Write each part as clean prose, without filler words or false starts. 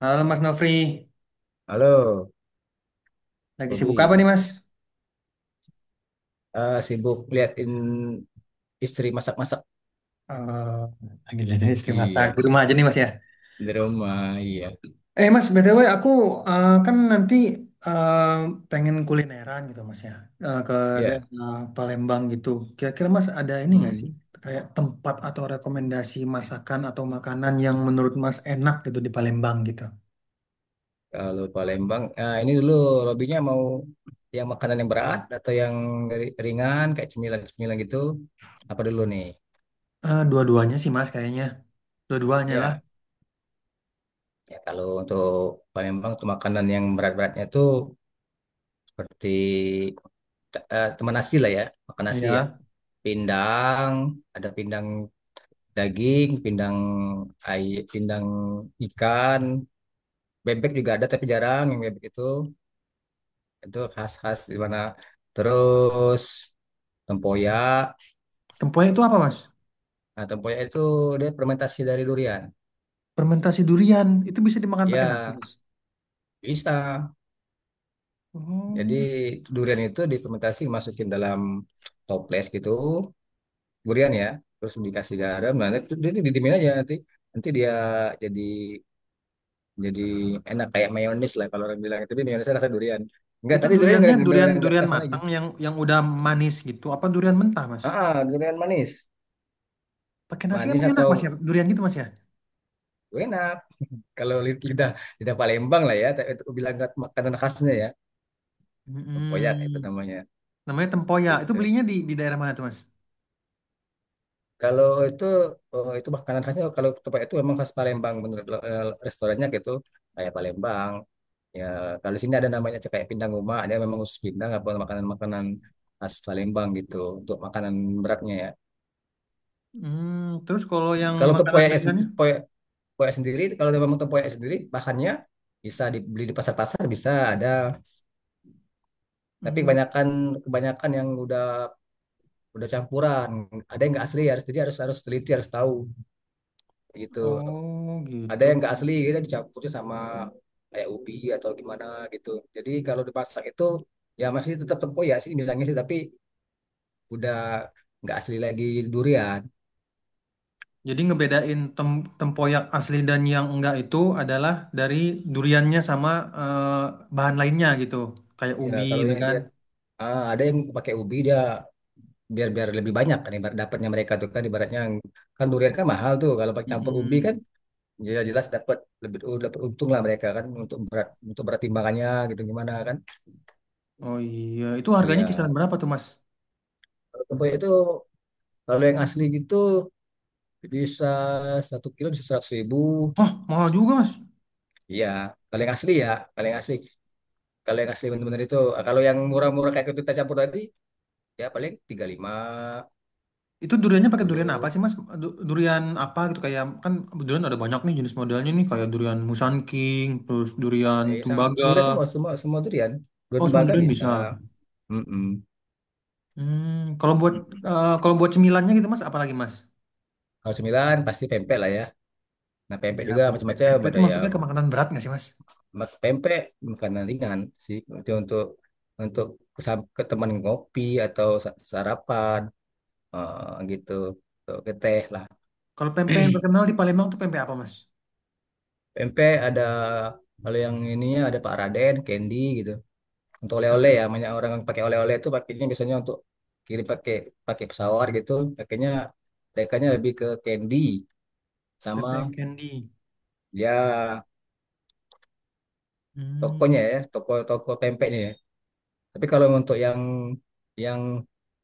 Halo Mas Nofri, Halo, lagi sibuk apa nih Bobby. Mas? Sibuk liatin istri masak-masak. Eh, lagi jadi istri masak Iya, di rumah aja nih Mas ya. di rumah. Iya, Eh Mas, BTW aku kan nanti eh, pengen kulineran gitu Mas ya, ke ya. daerah Palembang gitu. Kira-kira Mas ada ini nggak Hmm. sih, kayak tempat atau rekomendasi masakan atau makanan yang menurut Mas enak gitu di Palembang gitu? Kalau Palembang, ini dulu lobbynya mau yang makanan yang berat atau yang ringan kayak cemilan-cemilan gitu. Apa dulu nih? Dua-duanya sih Mas kayaknya, dua-duanya lah. Ya, ya, kalau untuk Palembang tuh makanan yang berat-beratnya tuh seperti teman nasi lah ya, makan nasi ya. Iya. Pindang, ada pindang daging, ay, pindang ikan, bebek juga ada tapi jarang yang bebek itu. Itu khas-khas di mana. Terus tempoyak. Tempoyak itu apa Mas? Nah, tempoyak itu dia fermentasi dari durian. Fermentasi durian, itu bisa dimakan pakai nasi Ya, Mas. bisa. Jadi Oh. durian itu difermentasi masukin dalam toples gitu, durian ya. Terus dikasih garam, nah itu jadi didimin aja nanti nanti dia jadi jadi enak kayak mayonis lah kalau orang bilang, tapi mayonisnya rasa durian enggak, Itu tadi durian duriannya durian enggak durian terasa lagi. matang yang udah manis gitu. Apa durian mentah, Mas? Durian manis, Pakai nasi manis emang enak, atau Mas ya? Durian gitu, Mas ya? enak kalau lidah lidah Palembang lah ya, tapi itu bilang makanan khasnya ya, tempoyak itu Mm-mm. namanya Namanya tempoyak. Itu gitu. belinya di daerah mana tuh, Mas? Kalau itu, oh, itu makanan khasnya kalau tempat itu memang khas Palembang menurut, restorannya gitu, kayak Palembang ya. Kalau di sini ada namanya kayak pindang rumah, dia memang khusus pindang apa makanan-makanan khas Palembang gitu, untuk makanan beratnya ya. Hmm, terus kalau yang Kalau makanan tepoyaknya sendiri, ringannya? tepoyak sendiri, kalau memang tepoyak sendiri, bahannya bisa dibeli di pasar-pasar, bisa ada. Tapi Hmm, gitu. kebanyakan kebanyakan yang udah campuran. Ada yang nggak asli, harus jadi harus harus teliti, harus tahu gitu. Oh, Ada gitu. yang nggak asli, dia dicampurnya sama kayak ubi atau gimana gitu. Jadi kalau dipasak itu ya masih tetap tempoyak sih bilangnya sih, tapi udah nggak asli lagi durian. Jadi ngebedain tem tempoyak asli dan yang enggak itu adalah dari duriannya sama bahan lainnya gitu. Kayak Ya ubi kalau gitu yang kan. dia, ada yang pakai ubi dia, biar biar lebih banyak kan. Ibarat dapatnya mereka tuh kan, ibaratnya kan durian kan mahal tuh, kalau pakai campur ubi kan Mm-mm. jelas, jelas dapat lebih. Oh, dapat untung lah mereka kan, untuk berat, untuk berat timbangannya gitu gimana kan. Oh iya, itu harganya Iya, kisaran berapa tuh, Mas? kalau tempoyak itu kalau yang asli gitu bisa 1 kilo bisa 100 ribu. Hah, mahal juga, Mas. Iya, kalau yang asli ya, kalau yang asli, kalau yang asli benar-benar itu. Kalau yang murah-murah kayak kita campur tadi ya paling 35, Itu duriannya empat pakai durian apa puluh sih Mas? Durian apa gitu kayak kan durian ada banyak nih jenis modelnya nih kayak durian Musan King, terus durian Sama, tembaga. durian semua, semua, semua durian, durian Oh, semua tembaga durian bisa. bisa. Mm-mm. Hmm, kalau buat Mm-mm. kalau buat cemilannya gitu Mas, apa lagi Mas? Kalau cemilan pasti pempek lah ya. Nah, pempek Ya, juga pempek. macam-macam. Pempek Ada itu yang masuknya ke makanan berat nggak sih Mas? Pempek, makanan ringan sih. Itu untuk, untuk ke teman ngopi atau sarapan, gitu. Tuh, ke teh lah. Kalau pempek yang terkenal di Palembang tuh pempek apa Mas? Pempek ada, kalau yang ininya ada Pak Raden, Candy gitu. Untuk oleh-oleh Pempek ya, banyak orang yang pakai oleh-oleh itu pakainya biasanya untuk kirim, pakai pakai pesawat gitu. Pakainya mereka lebih ke Candy, pempek sama candy. ya, tokonya Hmm, ya, toko-toko pempeknya ya. Tapi kalau untuk yang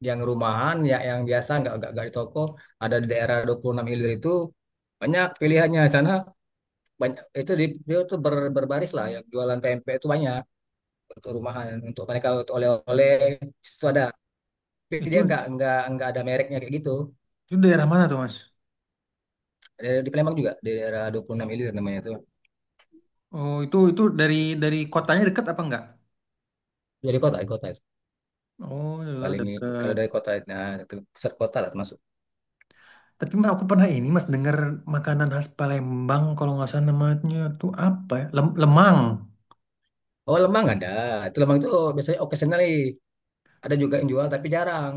yang rumahan ya, yang biasa nggak di toko, ada di daerah 26 Ilir itu, banyak pilihannya di sana, banyak itu. Di dia tuh berbaris lah yang jualan pempek itu banyak, untuk rumahan, untuk mereka untuk oleh-oleh itu ada, tapi itu dia nggak ada mereknya kayak gitu. itu daerah mana tuh Mas? Ada di Palembang juga, di daerah 26 Ilir namanya itu. Oh, itu dari kotanya dekat apa enggak? Dari kota, di kota itu Oh, daerah paling, kalau dekat. dari kota, nah itu pusat kota lah masuk. Tapi Mas, aku pernah ini Mas dengar makanan khas Palembang kalau nggak salah namanya tuh apa ya? Lemang. Oh, Lembang ada. Itu Lembang itu biasanya occasionally ada juga yang jual tapi jarang.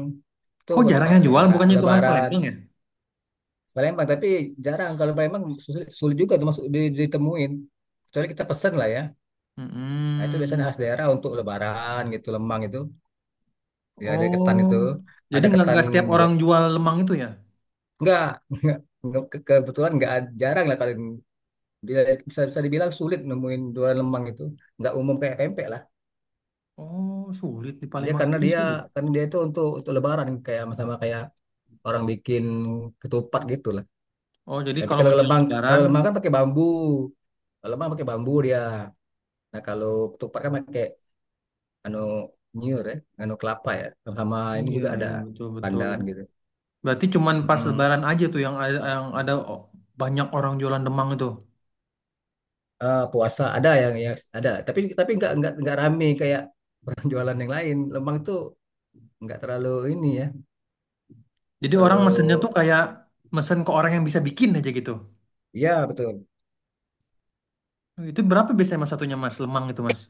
Itu Kok jarang yang jual? lebaran Bukannya itu khas lebaran Palembang ya? Palembang. Tapi jarang kalau Palembang, sulit, sulit juga tuh masuk, ditemuin, kecuali kita pesen lah ya. Nah, itu biasanya Mm-mm. khas daerah untuk lebaran gitu, lemang itu ya, ada ketan Oh, itu, jadi ada nggak ketan, nggak setiap orang bias jual lemang itu ya? enggak. enggak enggak, kebetulan enggak, jarang lah. Kalau bisa, bisa dibilang sulit nemuin jualan lemang itu, enggak umum kayak pempek lah. Oh, sulit di Dia Palembang karena sendiri dia, sulit. Itu untuk, lebaran, kayak sama kayak orang bikin ketupat gitu lah. Oh, jadi Tapi kalau menjelang kalau Lebaran, lembang kan pakai bambu. Kalau lembang pakai bambu dia. Nah, kalau ketupat kan pakai anu, nyur ya, anu, kelapa ya. Sama ini iya juga ada iya betul betul. pandan gitu. Berarti cuman pas Mm-mm. Lebaran aja tuh yang ada banyak orang jualan lemang itu. Puasa ada yang, ada, tapi nggak rame kayak orang jualan yang lain. Lembang itu nggak terlalu ini ya, Jadi orang mesennya tuh terlalu, kayak mesen ke orang yang bisa bikin aja gitu. ya betul. Oh, itu berapa biasanya mas satunya mas lemang itu mas?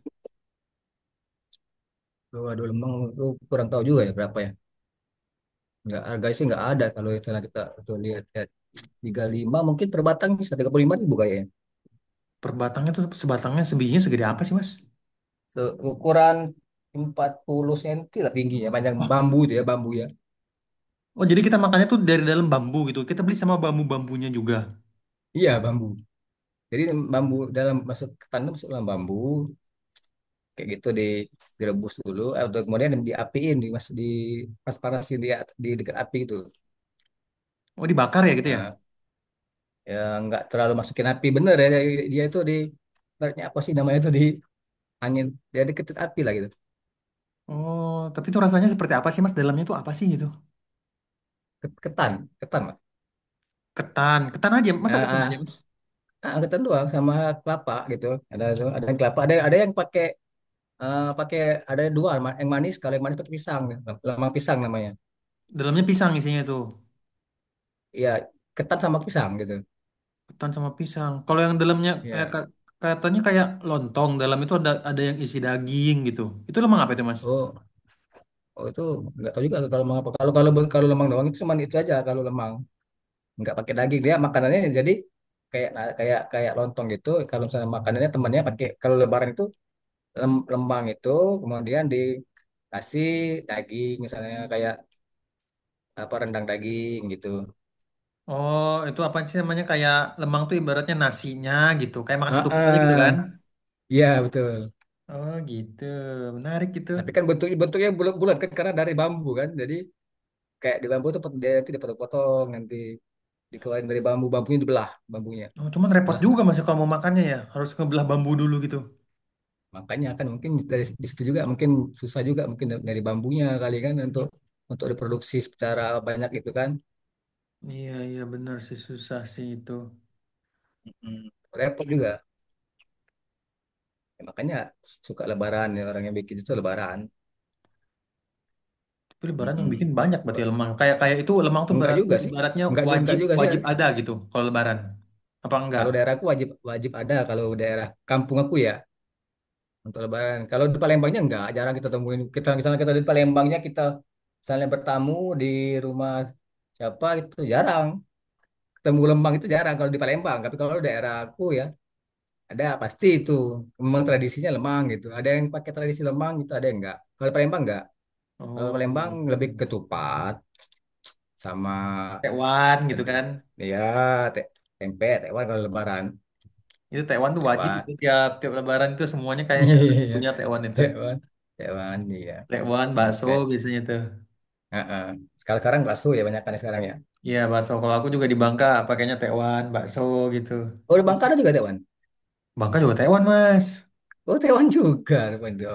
Waduh, lembang itu kurang tahu juga ya berapa ya. Nggak harga sih, nggak ada. Kalau misalnya kita lihat lihat 35, mungkin per batang bisa 35 ribu kayaknya. Per batangnya tuh sebatangnya sebijinya segede apa sih mas? Ukuran 40 cm lah tingginya, panjang Wah, bambu itu ya, bambu ya. oh jadi kita makannya tuh dari dalam bambu gitu. Kita beli sama bambu-bambunya juga. Iya, bambu. Jadi bambu dalam masuk ke tanam, masuk dalam bambu kayak gitu, di direbus dulu atau kemudian diapiin di mas, di pas panasin di di dekat api itu. Oh dibakar ya gitu ya? Nah, ya nggak terlalu masukin api bener ya, dia dia itu di, ibaratnya apa sih namanya itu di angin, jadi ketut api lah gitu. Oh, tapi itu rasanya seperti apa sih mas? Dalamnya tuh apa sih gitu? Ket- Ketan, ketan, lah. Ketan, ketan aja. Masa Ah, ketan aja ah, mas? Ketan doang sama kelapa gitu. Ada ada yang kelapa, ada yang pakai, pakai, ada dua yang manis. Kalau yang manis pakai pisang ya, lemang pisang namanya. Dalamnya pisang isinya tuh. Iya, ketan sama pisang gitu. Ketan sama pisang. Kalau yang dalamnya kayak Iya. Katanya kayak lontong. Dalam itu ada yang isi daging gitu. Itu lemang apa itu mas? Oh, oh, itu nggak tahu juga kalau lemang apa, kalau, kalau lemang doang itu cuma itu aja. Kalau lemang nggak pakai daging dia, makanannya jadi kayak, nah, kayak kayak lontong gitu. Kalau misalnya makanannya temannya pakai, kalau lebaran itu lemang itu kemudian dikasih daging, misalnya kayak apa, rendang daging gitu. Oh, itu apa sih namanya kayak lemang tuh ibaratnya nasinya gitu. Kayak makan Ah, ketupat aja gitu ah. kan? Iya, betul. Oh gitu, menarik gitu. Tapi kan bentuknya bulat-bulat kan karena dari bambu kan. Jadi kayak di bambu tuh, dia nanti dipotong-potong, nanti dikeluarin dari bambunya, dibelah bambunya, Oh, cuman repot belah. juga masih kalau mau makannya ya, harus ngebelah bambu dulu gitu. Makanya kan mungkin dari di situ juga mungkin susah juga, mungkin dari bambunya kali kan, untuk, diproduksi secara banyak gitu kan. Iya iya benar sih susah sih itu. Mm-mm. Repot juga. Ya, makanya suka lebaran ya orang yang bikin itu, lebaran. Tapi lebaran yang bikin Mm-mm. banyak berarti ya lemang. Kayak kayak itu lemang tuh Enggak berarti juga sih, ibaratnya enggak juga, wajib enggak juga sih. wajib ada gitu kalau lebaran. Apa enggak? Kalau daerahku wajib, wajib ada kalau daerah kampung aku ya. Untuk Lebaran. Kalau di Palembangnya enggak, jarang kita temuin. Kita misalnya, kita di Palembangnya, kita misalnya bertamu di rumah siapa, itu jarang. Ketemu lemang itu jarang kalau di Palembang. Tapi kalau daerah aku ya ada pasti itu. Memang tradisinya lemang gitu. Ada yang pakai tradisi lemang gitu, ada yang enggak. Kalau di Palembang enggak. Kalau di Oh Palembang gitu. lebih ketupat, sama Tekwan gitu tadi kan. ya, te- tempe, tewan kalau Lebaran. Itu tekwan tuh wajib Tewan. itu tiap tiap lebaran itu semuanya kayaknya harus Iya, punya tekwan itu. tewan. Tewan, iya. Tekwan, bakso Tempe. biasanya tuh. Heeh. Sekarang sekarang bakso ya banyak kan sekarang ya. Iya bakso. Kalau aku juga di Bangka pakainya tekwan, bakso gitu. Oh, di Bangka juga tewan. Bangka juga tekwan mas. Oh, tewan juga rupanya.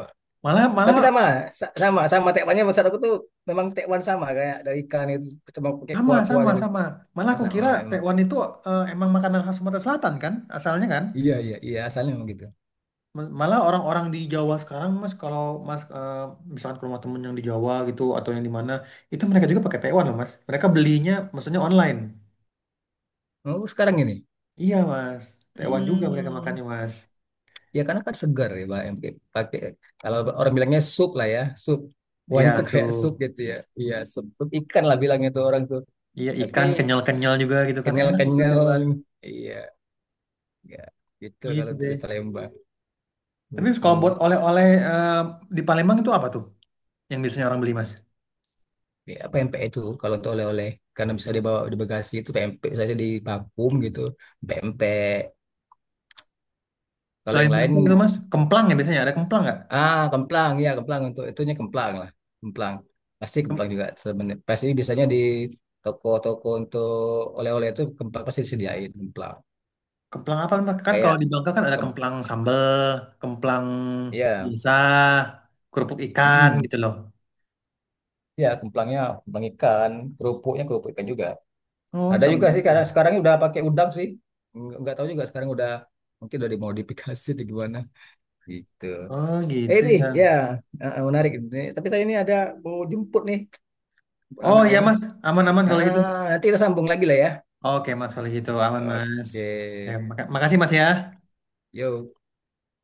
Malah Tapi malah sama, sama tekwannya, maksud aku tuh memang tekwan sama, kayak dari ikan itu, cuma pakai sama kuah-kuah sama gitu. sama. Malah Oh, aku sama kira emang. tekwan itu emang makanan khas Sumatera Selatan kan asalnya kan. Iya, iya, iya, asalnya memang gitu. Malah orang-orang di Jawa sekarang Mas kalau Mas eh, misalkan ke rumah temen yang di Jawa gitu atau yang di mana itu mereka juga pakai tekwan loh Mas. Mereka belinya maksudnya online. Oh, sekarang ini. Iya Mas. Tekwan juga mereka Hmm, makannya Mas. ya karena kan segar ya, Pak, yang pakai, kalau orang bilangnya sup lah ya, sup. Iya Kuahnya tuh so kayak sup gitu ya. Iya, sup ikan lah bilangnya tuh orang tuh. iya Tapi ikan kenyal-kenyal juga gitu kan enak gitu kenyal-kenyal. tekwan. Iya, ya. Gitu Gitu kalau untuk di deh. Palembang. Tapi kalau buat Mm-mm. oleh-oleh di Palembang itu apa tuh yang biasanya orang beli Mas? Ya, PMPE itu kalau untuk oleh-oleh karena bisa dibawa di bagasi, itu PMP saja di vakum gitu. PMP kalau yang Selain lain, tempe itu mas, kemplang ya biasanya ada kemplang nggak? ah, kemplang ya, kemplang untuk itunya, kemplang lah, kemplang pasti. Kemplang Kem- juga sebenarnya pasti, biasanya di toko-toko untuk oleh-oleh itu kemplang pasti disediain kemplang, Kemplang apa mas? Kan kalau kayak di Bangka kan ada kem kemplang sambel, kemplang ya. biasa, kerupuk ikan Mm-mm. gitu loh. Ya kemplangnya kemplang ikan, kerupuknya kerupuk ikan juga. Oh Ada sama juga sih gitu. karena sekarang udah pakai udang sih, nggak tahu juga, sekarang udah, mungkin udah dimodifikasi atau gimana. Gitu. Oh gitu Ini ya. ya, menarik itu. Tapi saya ini ada mau jemput nih Oh anak iya nih. mas, aman-aman kalau gitu. Nanti kita sambung lagi lah ya. Oke mas kalau gitu aman mas. Oke. Ya, makasih mas ya. Yo.